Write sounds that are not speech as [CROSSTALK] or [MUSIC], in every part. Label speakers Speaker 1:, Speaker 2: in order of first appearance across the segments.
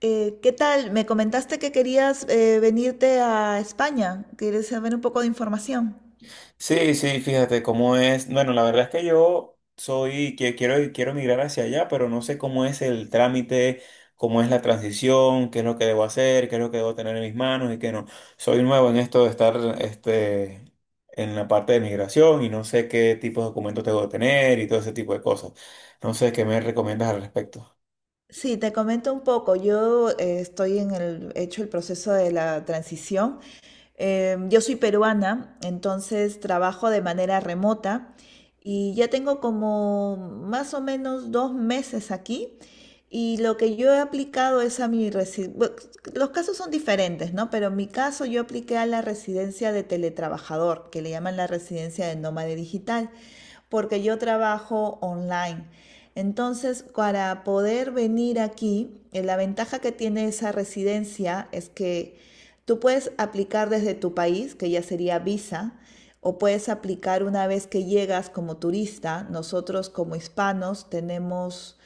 Speaker 1: ¿Qué tal? Me comentaste que querías venirte a España. ¿Quieres saber un poco de información?
Speaker 2: Sí, sí, fíjate cómo es. Bueno, la verdad es que quiero migrar hacia allá, pero no sé cómo es el trámite, cómo es la transición, qué es lo que debo hacer, qué es lo que debo tener en mis manos y qué no. Soy nuevo en esto de estar, este, en la parte de migración y no sé qué tipo de documentos tengo que tener y todo ese tipo de cosas. No sé qué me recomiendas al respecto.
Speaker 1: Sí, te comento un poco. Yo he hecho el proceso de la transición. Yo soy peruana, entonces trabajo de manera remota y ya tengo como más o menos 2 meses aquí. Y lo que yo he aplicado es a mi residencia. Los casos son diferentes, ¿no? Pero en mi caso yo apliqué a la residencia de teletrabajador, que le llaman la residencia de nómade digital, porque yo trabajo online. Entonces, para poder venir aquí, la ventaja que tiene esa residencia es que tú puedes aplicar desde tu país, que ya sería visa, o puedes aplicar una vez que llegas como turista. Nosotros como hispanos tenemos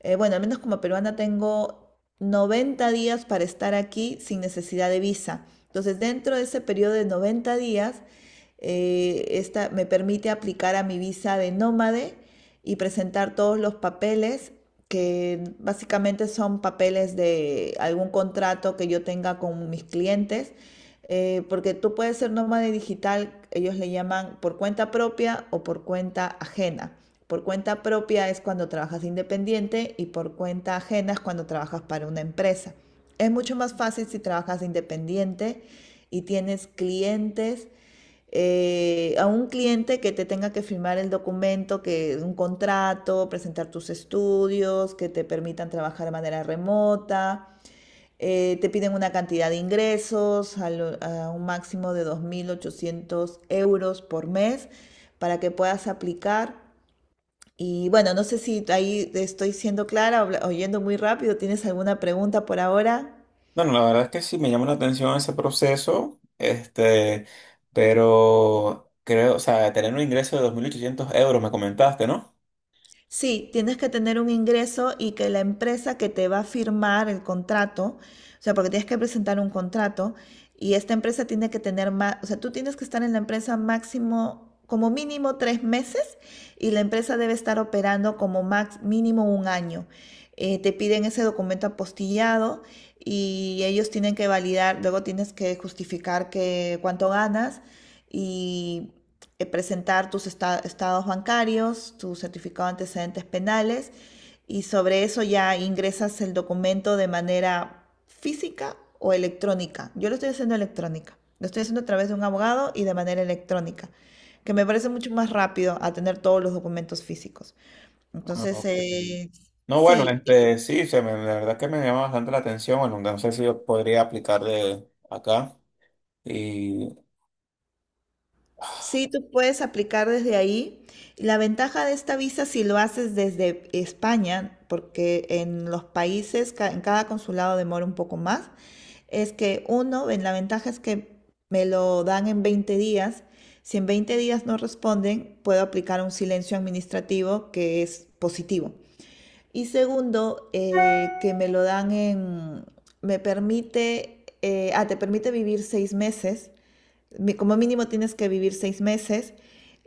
Speaker 1: bueno, al menos como peruana tengo 90 días para estar aquí sin necesidad de visa. Entonces, dentro de ese periodo de 90 días, esta me permite aplicar a mi visa de nómade y presentar todos los papeles que básicamente son papeles de algún contrato que yo tenga con mis clientes porque tú puedes ser nómada digital, ellos le llaman por cuenta propia o por cuenta ajena. Por cuenta propia es cuando trabajas independiente y por cuenta ajena es cuando trabajas para una empresa. Es mucho más fácil si trabajas independiente y tienes clientes, a un cliente que te tenga que firmar el documento, que un contrato, presentar tus estudios, que te permitan trabajar de manera remota te piden una cantidad de ingresos a un máximo de 2.800 euros por mes para que puedas aplicar. Y bueno, no sé si ahí estoy siendo clara, oyendo muy rápido. ¿Tienes alguna pregunta por ahora?
Speaker 2: Bueno, la verdad es que sí me llama la atención ese proceso, pero creo, o sea, tener un ingreso de 2.800 euros, me comentaste, ¿no?
Speaker 1: Sí, tienes que tener un ingreso y que la empresa que te va a firmar el contrato, o sea, porque tienes que presentar un contrato y esta empresa tiene que tener más, o sea, tú tienes que estar en la empresa máximo, como mínimo 3 meses y la empresa debe estar operando como mínimo un año. Te piden ese documento apostillado y ellos tienen que validar, luego tienes que justificar que cuánto ganas y presentar tus estados bancarios, tu certificado de antecedentes penales y sobre eso ya ingresas el documento de manera física o electrónica. Yo lo estoy haciendo electrónica, lo estoy haciendo a través de un abogado y de manera electrónica, que me parece mucho más rápido a tener todos los documentos físicos.
Speaker 2: Ah,
Speaker 1: Entonces,
Speaker 2: ok.
Speaker 1: eh,
Speaker 2: No, bueno,
Speaker 1: sí,
Speaker 2: sí, la verdad que me llama bastante la atención. Bueno, no sé si yo podría aplicar de acá y,
Speaker 1: Sí, tú puedes aplicar desde ahí. La ventaja de esta visa si lo haces desde España, porque en los países, en cada consulado demora un poco más, es que la ventaja es que me lo dan en 20 días. Si en 20 días no responden, puedo aplicar un silencio administrativo que es positivo. Y segundo, que me lo dan en, me permite, ah, te permite vivir 6 meses, como mínimo tienes que vivir 6 meses.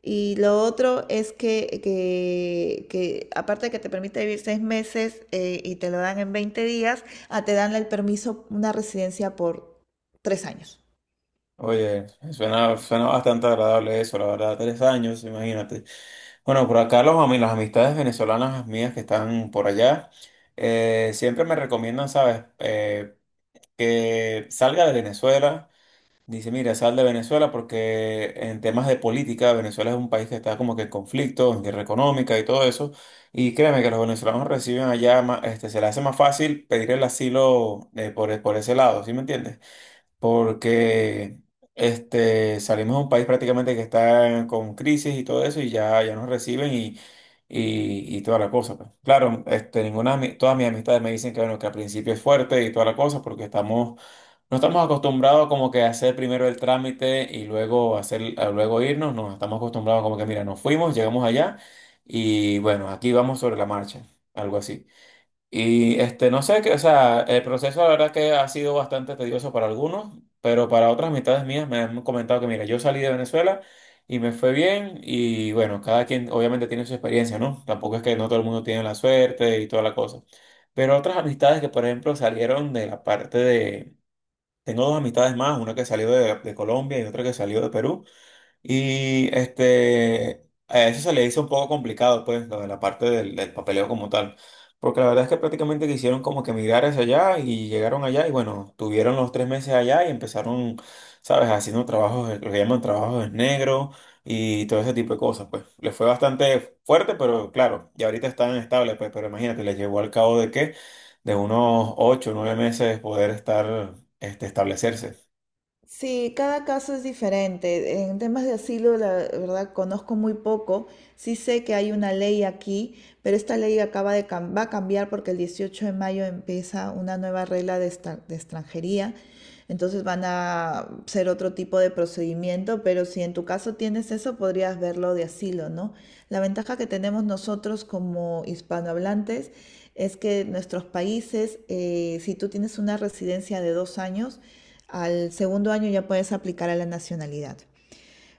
Speaker 1: Y lo otro es que aparte de que te permite vivir seis meses y te lo dan en 20 días, te dan el permiso, una residencia por 3 años.
Speaker 2: oye, suena bastante agradable eso, la verdad, 3 años, imagínate. Bueno, por acá las amistades venezolanas mías que están por allá, siempre me recomiendan, ¿sabes? Que salga de Venezuela. Dice, mira, sal de Venezuela porque en temas de política, Venezuela es un país que está como que en conflicto, en guerra económica y todo eso, y créeme que los venezolanos reciben allá, se les hace más fácil pedir el asilo por ese lado, ¿sí me entiendes? Porque salimos de un país prácticamente que está con crisis y todo eso, y ya, ya nos reciben y... Y toda la cosa, pues. Claro, de todas mis amistades me dicen que, bueno, que al principio es fuerte y toda la cosa, porque estamos no estamos acostumbrados como que a hacer primero el trámite y luego hacer, a luego irnos. No, estamos acostumbrados como que, mira, nos fuimos, llegamos allá y bueno, aquí vamos sobre la marcha, algo así. Y no sé, que, o sea, el proceso la verdad que ha sido bastante tedioso para algunos, pero para otras mitades mías me han comentado que, mira, yo salí de Venezuela y me fue bien y bueno, cada quien obviamente tiene su experiencia, ¿no? Tampoco es que no todo el mundo tiene la suerte y toda la cosa. Pero otras amistades que, por ejemplo, salieron de la parte de tengo dos amistades más, una que salió de Colombia y otra que salió de Perú. Y a eso se le hizo un poco complicado, pues, lo de la parte del papeleo como tal. Porque la verdad es que prácticamente quisieron como que migrar hacia allá y llegaron allá y bueno, tuvieron los 3 meses allá y empezaron, ¿sabes? Haciendo trabajos, lo que llaman trabajos en negro y todo ese tipo de cosas, pues. Les fue bastante fuerte, pero claro, y ahorita están estables, pues, pero imagínate, les llevó al cabo de qué, de unos 8, o 9 meses poder estar, establecerse.
Speaker 1: Sí, cada caso es diferente. En temas de asilo, la verdad, conozco muy poco. Sí sé que hay una ley aquí, pero esta ley acaba de va a cambiar porque el 18 de mayo empieza una nueva regla de extranjería. Entonces van a ser otro tipo de procedimiento, pero si en tu caso tienes eso, podrías verlo de asilo, ¿no? La ventaja que tenemos nosotros como hispanohablantes es que nuestros países, si tú tienes una residencia de 2 años, al segundo año ya puedes aplicar a la nacionalidad.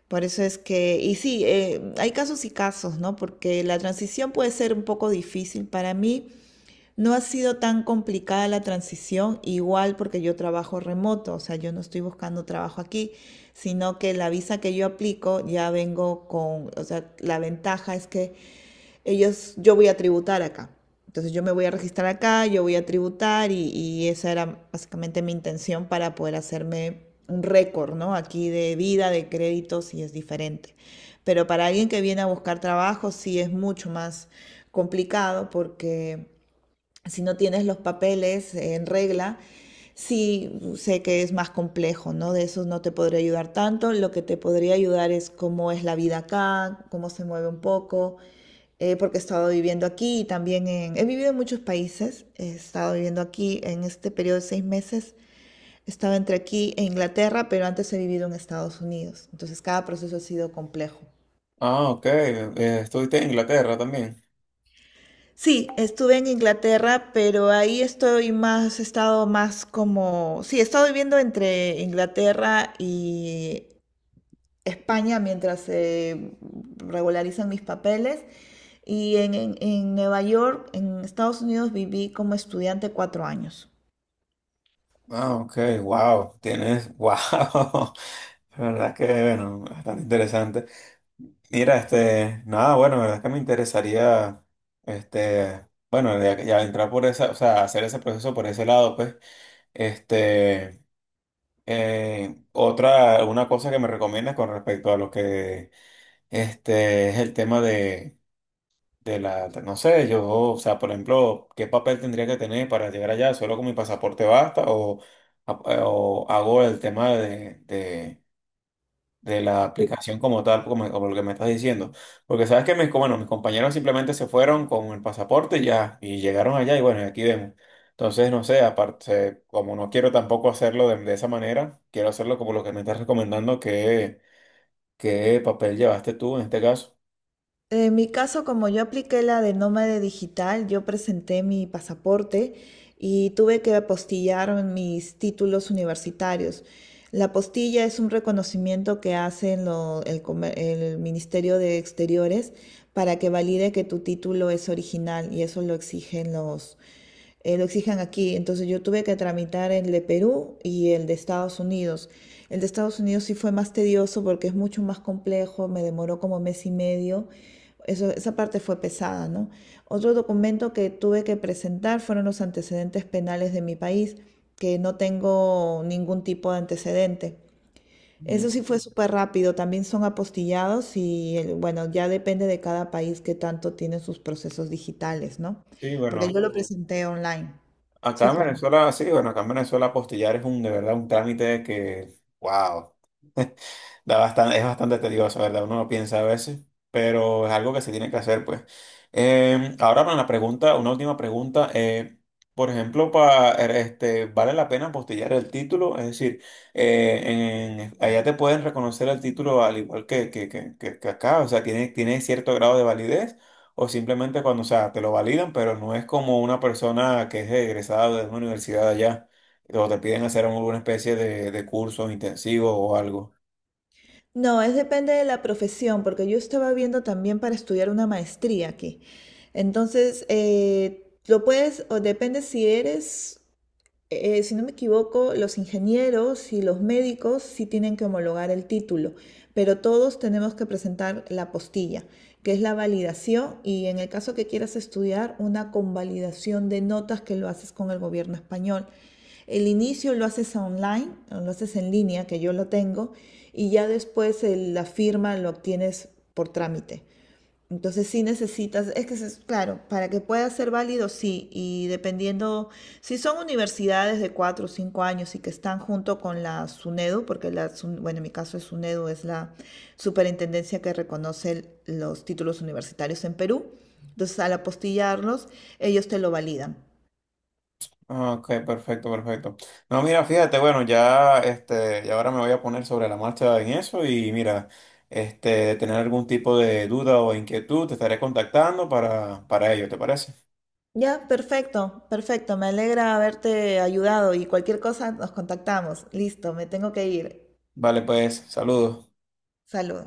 Speaker 1: Por eso es que, y sí, hay casos y casos, ¿no? Porque la transición puede ser un poco difícil. Para mí, no ha sido tan complicada la transición, igual porque yo trabajo remoto, o sea, yo no estoy buscando trabajo aquí, sino que la visa que yo aplico ya vengo con, o sea, la ventaja es que ellos, yo voy a tributar acá. Entonces yo me voy a registrar acá, yo voy a tributar y esa era básicamente mi intención para poder hacerme un récord, ¿no? Aquí de vida, de créditos y es diferente. Pero para alguien que viene a buscar trabajo sí es mucho más complicado porque si no tienes los papeles en regla, sí sé que es más complejo, ¿no? De eso no te podría ayudar tanto. Lo que te podría ayudar es cómo es la vida acá, cómo se mueve un poco, porque he estado viviendo aquí y también. He vivido en muchos países, he estado viviendo aquí en este periodo de 6 meses. Estaba entre aquí e Inglaterra, pero antes he vivido en Estados Unidos. Entonces cada proceso ha sido complejo.
Speaker 2: Ah, ok, estuviste en Inglaterra también.
Speaker 1: Sí, estuve en Inglaterra, pero ahí estoy más, he estado más como, sí, he estado viviendo entre Inglaterra y España mientras se regularizan mis papeles. Y en Nueva York, en Estados Unidos, viví como estudiante 4 años.
Speaker 2: Ah, ok, wow, tienes, wow, [LAUGHS] la verdad que, bueno, bastante interesante. Mira, nada, bueno, la verdad es que me interesaría, este, bueno, ya, ya entrar por esa, o sea, hacer ese proceso por ese lado, pues, este, una cosa que me recomiendas con respecto a lo que, es el tema de la, no sé, yo, o sea, por ejemplo, ¿qué papel tendría que tener para llegar allá? ¿Solo con mi pasaporte basta? ¿O hago el tema de la aplicación como tal, como lo que me estás diciendo? Porque sabes que mis, bueno, mis compañeros simplemente se fueron con el pasaporte y ya, y llegaron allá y bueno, y aquí vemos. Entonces, no sé, aparte, como no quiero tampoco hacerlo de esa manera, quiero hacerlo como lo que me estás recomendando. ¿Qué papel llevaste tú en este caso?
Speaker 1: En mi caso, como yo apliqué la de nómade digital, yo presenté mi pasaporte y tuve que apostillar mis títulos universitarios. La apostilla es un reconocimiento que hace el Ministerio de Exteriores para que valide que tu título es original y eso lo exigen lo exigen aquí. Entonces yo tuve que tramitar el de Perú y el de Estados Unidos. El de Estados Unidos sí fue más tedioso porque es mucho más complejo, me demoró como mes y medio. Eso, esa parte fue pesada, ¿no? Otro documento que tuve que presentar fueron los antecedentes penales de mi país, que no tengo ningún tipo de antecedente.
Speaker 2: Mm.
Speaker 1: Eso sí fue súper rápido, también son apostillados y bueno, ya depende de cada país que tanto tiene sus procesos digitales, ¿no?
Speaker 2: Sí,
Speaker 1: Porque
Speaker 2: bueno.
Speaker 1: yo lo Ujú. Presenté online.
Speaker 2: Acá
Speaker 1: Sí,
Speaker 2: en
Speaker 1: perdón.
Speaker 2: Venezuela, sí, bueno, acá en Venezuela apostillar es un, de verdad, un trámite que, wow, es bastante tedioso, ¿verdad? Uno lo piensa a veces, pero es algo que se tiene que hacer, pues. Ahora para la pregunta, una última pregunta. Por ejemplo, ¿vale la pena apostillar el título? Es decir, eh, allá te pueden reconocer el título al igual que acá, o sea, tiene cierto grado de validez. O simplemente cuando, o sea, te lo validan, pero no es como una persona que es egresada de una universidad allá, o te piden hacer alguna especie de curso intensivo o algo.
Speaker 1: No, es depende de la profesión, porque yo estaba viendo también para estudiar una maestría aquí. Entonces, lo puedes, o depende si eres si no me equivoco, los ingenieros y los médicos sí tienen que homologar el título, pero todos tenemos que presentar la postilla, que es la validación y en el caso que quieras estudiar, una convalidación de notas que lo haces con el gobierno español. El inicio lo haces online, lo haces en línea, que yo lo tengo, y ya después la firma lo obtienes por trámite. Entonces sí necesitas, es que es claro, para que pueda ser válido, sí, y dependiendo, si son universidades de 4 o 5 años y que están junto con la SUNEDU, porque la, SUN bueno, en mi caso es SUNEDU, es la superintendencia que reconoce los títulos universitarios en Perú, entonces al apostillarlos, ellos te lo validan.
Speaker 2: Ah, ok, perfecto, perfecto. No, mira, fíjate, bueno, ya, ya ahora me voy a poner sobre la marcha en eso y mira, de tener algún tipo de duda o inquietud, te estaré contactando para ello, ¿te parece?
Speaker 1: Ya, perfecto, perfecto, me alegra haberte ayudado y cualquier cosa nos contactamos. Listo, me tengo que ir.
Speaker 2: Vale, pues, saludos.
Speaker 1: Saludo.